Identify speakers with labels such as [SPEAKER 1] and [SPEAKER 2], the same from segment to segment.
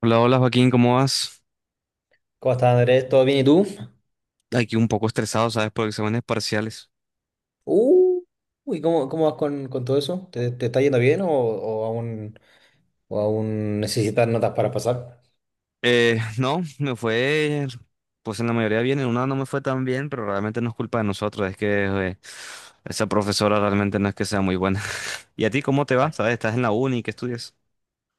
[SPEAKER 1] Hola, hola Joaquín, ¿cómo vas?
[SPEAKER 2] ¿Cómo estás, Andrés? ¿Todo bien y tú?
[SPEAKER 1] Aquí un poco estresado, ¿sabes? Por exámenes parciales.
[SPEAKER 2] Uh, uy, ¿cómo vas con, todo eso? ¿Te está yendo bien o aún, o aún necesitas notas para pasar?
[SPEAKER 1] No, me pues en la mayoría bien, en una no me fue tan bien, pero realmente no es culpa de nosotros, es que esa profesora realmente no es que sea muy buena. ¿Y a ti cómo te va? ¿Sabes? ¿Estás en la uni? ¿Qué estudias?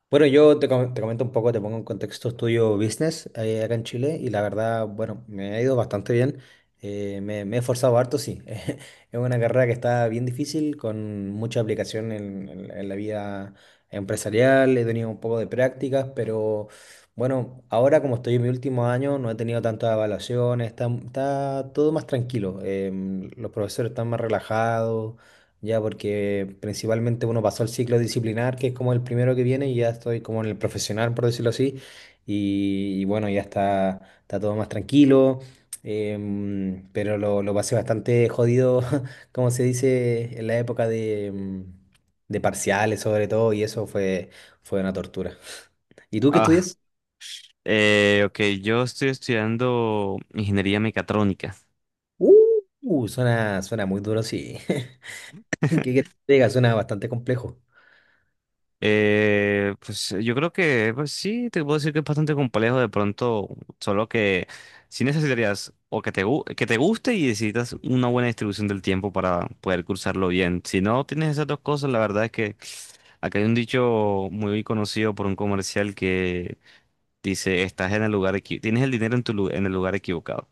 [SPEAKER 2] Bueno, te comento un poco, te pongo en contexto. Estudio business, acá en Chile, y la verdad, bueno, me ha ido bastante bien. Me he esforzado harto, sí. Es una carrera que está bien difícil, con mucha aplicación en la vida empresarial. He tenido un poco de prácticas, pero bueno, ahora como estoy en mi último año, no he tenido tantas evaluaciones, está todo más tranquilo. Los profesores están más relajados ya, porque principalmente uno pasó el ciclo disciplinar, que es como el primero que viene, y ya estoy como en el profesional, por decirlo así, y bueno, ya está, está todo más tranquilo. Pero lo pasé bastante jodido, como se dice, en la época de, de parciales sobre todo, y fue una tortura. ¿Y tú qué
[SPEAKER 1] Ah,
[SPEAKER 2] estudias?
[SPEAKER 1] ok, yo estoy estudiando ingeniería mecatrónica.
[SPEAKER 2] Uh, suena muy duro, sí. ¿Qué te llega? Suena bastante complejo.
[SPEAKER 1] Pues yo creo que pues sí, te puedo decir que es bastante complejo de pronto, solo que si necesitarías o que que te guste y necesitas una buena distribución del tiempo para poder cursarlo bien. Si no tienes esas dos cosas, la verdad es que acá hay un dicho muy conocido por un comercial que dice, estás en el lugar tienes el dinero en en el lugar equivocado.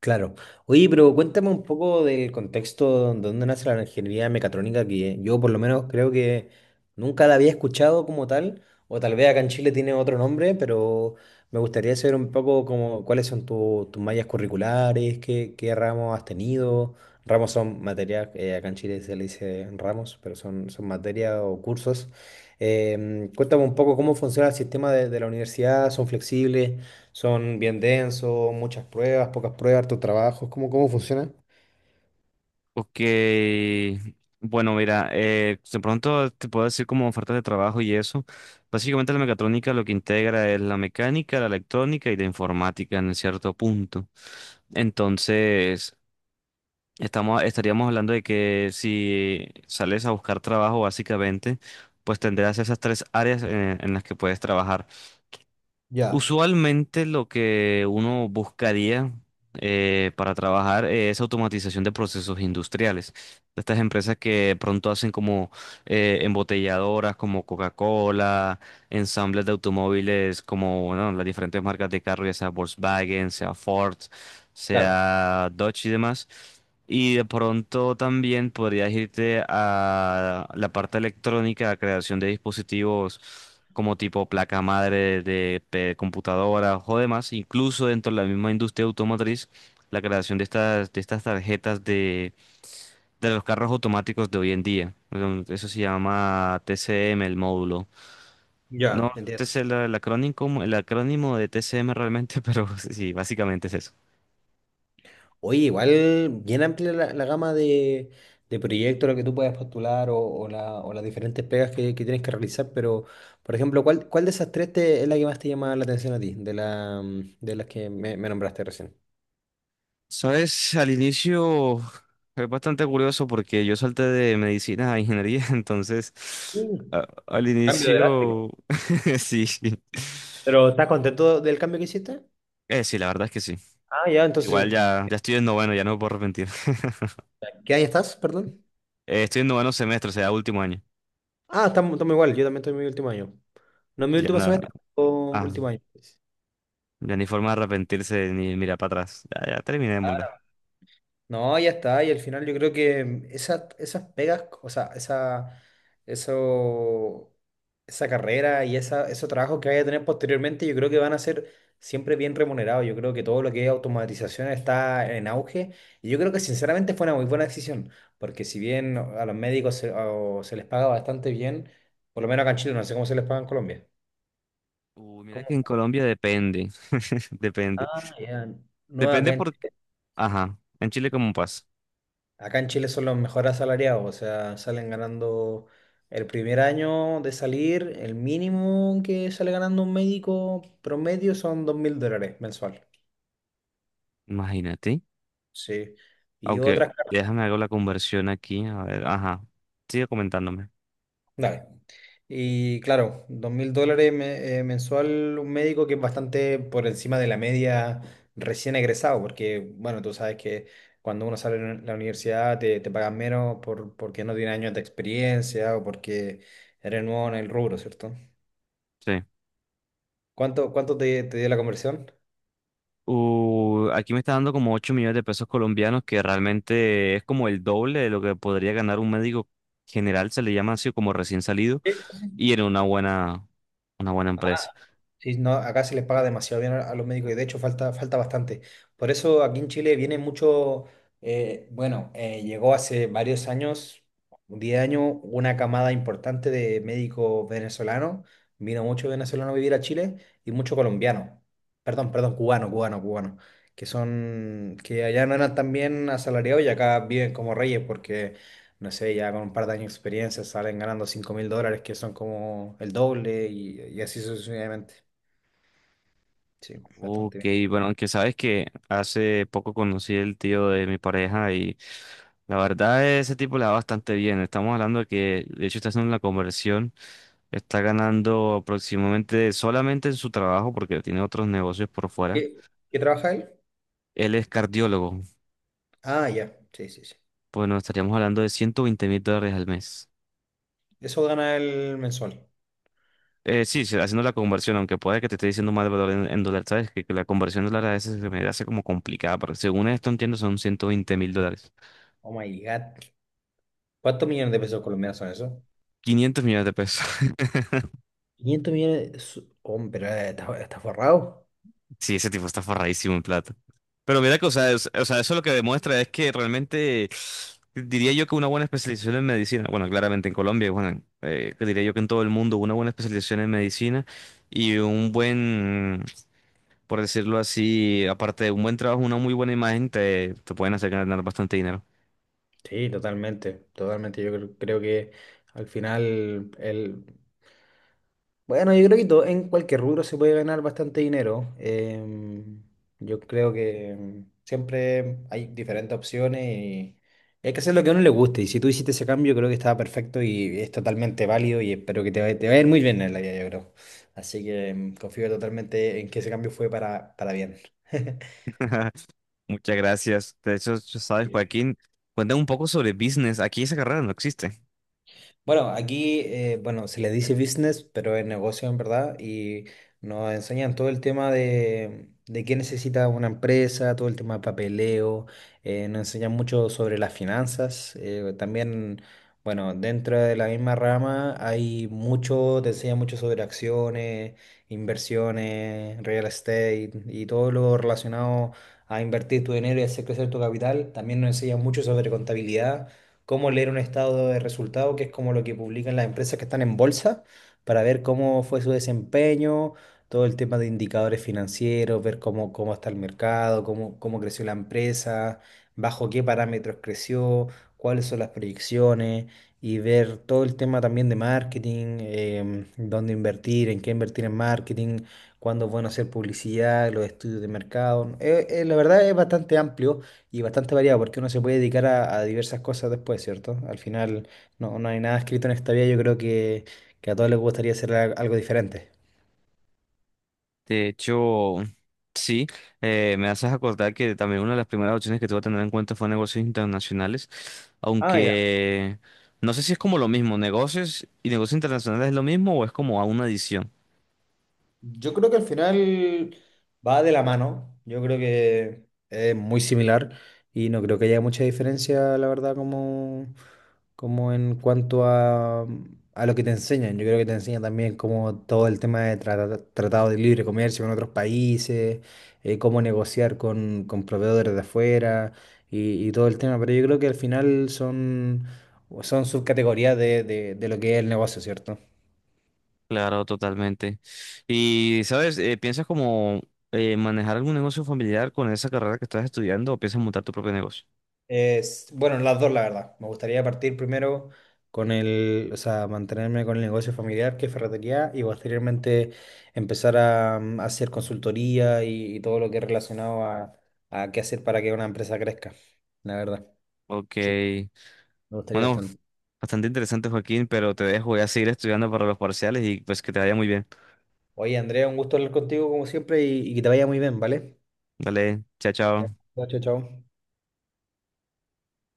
[SPEAKER 2] Claro. Oye, pero cuéntame un poco del contexto de dónde nace la ingeniería mecatrónica, que yo por lo menos creo que nunca la había escuchado como tal, o tal vez acá en Chile tiene otro nombre, pero me gustaría saber un poco como cuáles son tus mallas curriculares, qué ramos has tenido. Ramos son materias, acá en Chile se le dice ramos, pero son, son materias o cursos. Cuéntame un poco cómo funciona el sistema de la universidad. ¿Son flexibles? Son bien densos, muchas pruebas, pocas pruebas, harto trabajo. ¿Cómo funciona?
[SPEAKER 1] Ok, bueno, mira, de pronto te puedo decir como ofertas de trabajo y eso. Básicamente la mecatrónica lo que integra es la mecánica, la electrónica y la informática en cierto punto. Entonces, estaríamos hablando de que si sales a buscar trabajo, básicamente, pues tendrás esas tres áreas en las que puedes trabajar.
[SPEAKER 2] Ya.
[SPEAKER 1] Usualmente lo que uno buscaría para trabajar es automatización de procesos industriales. Estas empresas que pronto hacen como embotelladoras como Coca-Cola, ensambles de automóviles como bueno, las diferentes marcas de carro, ya sea Volkswagen, sea Ford,
[SPEAKER 2] Claro,
[SPEAKER 1] sea Dodge y demás. Y de pronto también podrías irte a la parte electrónica, la creación de dispositivos como tipo placa madre computadoras o demás, incluso dentro de la misma industria automotriz, la creación de de estas tarjetas de los carros automáticos de hoy en día. Eso se llama TCM, el módulo.
[SPEAKER 2] ya,
[SPEAKER 1] No, este
[SPEAKER 2] entiendo.
[SPEAKER 1] es el acrónimo de TCM realmente, pero sí, básicamente es eso.
[SPEAKER 2] Oye, igual bien amplia la gama de proyectos a los que tú puedes postular, o las diferentes pegas que tienes que realizar, pero, por ejemplo, ¿cuál de esas tres es la que más te llama la atención a ti, de las que me nombraste recién?
[SPEAKER 1] Sabes, al inicio es bastante curioso porque yo salté de medicina a ingeniería, entonces
[SPEAKER 2] Mm.
[SPEAKER 1] al
[SPEAKER 2] Cambio drástico.
[SPEAKER 1] inicio. Sí, sí.
[SPEAKER 2] ¿Pero estás contento del cambio que hiciste?
[SPEAKER 1] Sí, la verdad es que sí.
[SPEAKER 2] Ah, ya, entonces,
[SPEAKER 1] Igual ya estoy en noveno, ya no me puedo arrepentir.
[SPEAKER 2] ¿qué año estás, perdón?
[SPEAKER 1] Estoy en noveno semestre, o sea, último año.
[SPEAKER 2] Ah, estamos igual, yo también estoy en mi último año. No, en mi
[SPEAKER 1] Ya
[SPEAKER 2] último
[SPEAKER 1] nada,
[SPEAKER 2] semestre, o
[SPEAKER 1] ah,
[SPEAKER 2] último año, pues.
[SPEAKER 1] ya ni forma de arrepentirse ni mirar para atrás. Ya, ya
[SPEAKER 2] Claro.
[SPEAKER 1] terminémosla.
[SPEAKER 2] No, ya está, y al final yo creo que esas pegas, o sea, eso, esa carrera y esos trabajos que vaya a tener posteriormente, yo creo que van a ser siempre bien remunerados. Yo creo que todo lo que es automatización está en auge, y yo creo que sinceramente fue una muy buena decisión, porque si bien a los médicos se les paga bastante bien, por lo menos acá en Chile. No sé cómo se les paga en Colombia.
[SPEAKER 1] Uy, mira que en Colombia depende, depende.
[SPEAKER 2] Ah, ya. No,
[SPEAKER 1] Depende por... Ajá, en Chile cómo pasa.
[SPEAKER 2] acá en Chile son los mejores asalariados, o sea, salen ganando el primer año de salir, el mínimo que sale ganando un médico promedio son dos mil dólares mensual.
[SPEAKER 1] Imagínate.
[SPEAKER 2] Sí. Y
[SPEAKER 1] Aunque
[SPEAKER 2] otras,
[SPEAKER 1] déjame hago la conversión aquí. A ver, ajá. Sigue comentándome.
[SPEAKER 2] dale. Y claro, dos mil dólares mensual un médico, que es bastante por encima de la media recién egresado, porque bueno, tú sabes que cuando uno sale de la universidad te, te pagan menos por, porque no tiene años de experiencia o porque eres nuevo en el rubro, ¿cierto?
[SPEAKER 1] Sí.
[SPEAKER 2] ¿Cuánto te, te dio la conversión?
[SPEAKER 1] Aquí me está dando como 8 millones de pesos colombianos, que realmente es como el doble de lo que podría ganar un médico general, se le llama así como recién salido, y en una una buena empresa.
[SPEAKER 2] Sí, no, acá se les paga demasiado bien a los médicos y de hecho falta, falta bastante. Por eso aquí en Chile viene mucho, bueno, llegó hace varios años, 10 años, una camada importante de médicos venezolanos. Vino mucho venezolano a vivir a Chile y mucho colombiano. Perdón, perdón, cubano, cubano, cubano. Que son, que allá no eran tan bien asalariados y acá viven como reyes porque, no sé, ya con un par de años de experiencia salen ganando 5 mil dólares, que son como el doble, y así sucesivamente. Sí,
[SPEAKER 1] Ok,
[SPEAKER 2] bastante bien.
[SPEAKER 1] bueno, aunque sabes que hace poco conocí el tío de mi pareja y la verdad ese tipo le va bastante bien. Estamos hablando de que, de hecho, está haciendo la conversión, está ganando aproximadamente solamente en su trabajo porque tiene otros negocios por fuera.
[SPEAKER 2] ¿Qué, qué trabaja él?
[SPEAKER 1] Él es cardiólogo,
[SPEAKER 2] Ah, ya. Sí, sí, sí.
[SPEAKER 1] bueno, estaríamos hablando de 120.000 dólares al mes.
[SPEAKER 2] Eso gana el mensual.
[SPEAKER 1] Sí, sí, haciendo la conversión, aunque puede que te esté diciendo mal valor en dólar, sabes que la conversión de dólar a veces se me hace como complicada, pero según esto entiendo son 120.000 dólares.
[SPEAKER 2] Oh my God. ¿Cuántos millones de pesos colombianos son eso?
[SPEAKER 1] 500 millones de pesos.
[SPEAKER 2] Quinientos millones. De su- Hombre, está, está forrado.
[SPEAKER 1] Sí, ese tipo está forradísimo en plata. Pero mira que, o sea, o sea, eso lo que demuestra es que realmente diría yo que una buena especialización en medicina, bueno, claramente en Colombia, bueno, que diría yo que en todo el mundo, una buena especialización en medicina y un buen, por decirlo así, aparte de un buen trabajo, una muy buena imagen, te pueden hacer ganar bastante dinero.
[SPEAKER 2] Sí, totalmente. Totalmente. Yo creo que al final él... Bueno, yo creo que todo, en cualquier rubro se puede ganar bastante dinero. Yo creo que, siempre hay diferentes opciones, y hay que hacer lo que a uno le guste. Y si tú hiciste ese cambio, creo que estaba perfecto y es totalmente válido, y espero que te vaya a ir muy bien en la vida, yo creo. Así que, confío totalmente en que ese cambio fue para bien.
[SPEAKER 1] Muchas gracias. De hecho, ya sabes, Joaquín, cuéntame un poco sobre business. Aquí esa carrera no existe.
[SPEAKER 2] Bueno, aquí, bueno, se le dice business, pero es negocio en verdad. Y nos enseñan todo el tema de qué necesita una empresa, todo el tema de papeleo, nos enseñan mucho sobre las finanzas, también, bueno, dentro de la misma rama hay mucho, te enseñan mucho sobre acciones, inversiones, real estate y todo lo relacionado a invertir tu dinero y hacer crecer tu capital. También nos enseñan mucho sobre contabilidad, cómo leer un estado de resultado, que es como lo que publican las empresas que están en bolsa, para ver cómo fue su desempeño, todo el tema de indicadores financieros, ver cómo está el mercado, cómo creció la empresa, bajo qué parámetros creció, cuáles son las proyecciones, y ver todo el tema también de marketing, dónde invertir, en qué invertir en marketing, cuándo es bueno hacer publicidad, los estudios de mercado. La verdad es bastante amplio y bastante variado, porque uno se puede dedicar a diversas cosas después, ¿cierto? Al final no hay nada escrito en esta vida. Yo creo que a todos les gustaría hacer algo diferente.
[SPEAKER 1] De hecho, sí, me haces acordar que también una de las primeras opciones que tuve a tener en cuenta fue negocios internacionales,
[SPEAKER 2] Ah, ya.
[SPEAKER 1] aunque no sé si es como lo mismo, negocios y negocios internacionales es lo mismo o es como a una adición.
[SPEAKER 2] Yo creo que al final va de la mano. Yo creo que es muy similar y no creo que haya mucha diferencia, la verdad, como en cuanto a lo que te enseñan. Yo creo que te enseñan también como todo el tema de tratado de libre comercio con otros países, cómo negociar con proveedores de afuera, y todo el tema. Pero yo creo que al final son subcategorías de, de lo que es el negocio, ¿cierto?
[SPEAKER 1] Claro, totalmente. Y, ¿sabes? ¿Piensas como manejar algún negocio familiar con esa carrera que estás estudiando o piensas montar tu propio negocio?
[SPEAKER 2] Es, bueno, las dos, la verdad. Me gustaría partir primero con el, o sea, mantenerme con el negocio familiar, que es ferretería, y posteriormente empezar a, hacer consultoría, y todo lo que es relacionado a qué hacer para que una empresa crezca. La verdad,
[SPEAKER 1] Ok,
[SPEAKER 2] sí, me gustaría
[SPEAKER 1] bueno,
[SPEAKER 2] bastante.
[SPEAKER 1] bastante interesante, Joaquín, pero te dejo, voy a seguir estudiando para los parciales y pues que te vaya muy bien.
[SPEAKER 2] Oye, Andrea, un gusto hablar contigo como siempre, y que te vaya muy bien, ¿vale?
[SPEAKER 1] Dale, chao,
[SPEAKER 2] Ya.
[SPEAKER 1] chao.
[SPEAKER 2] Chao, chao, chao.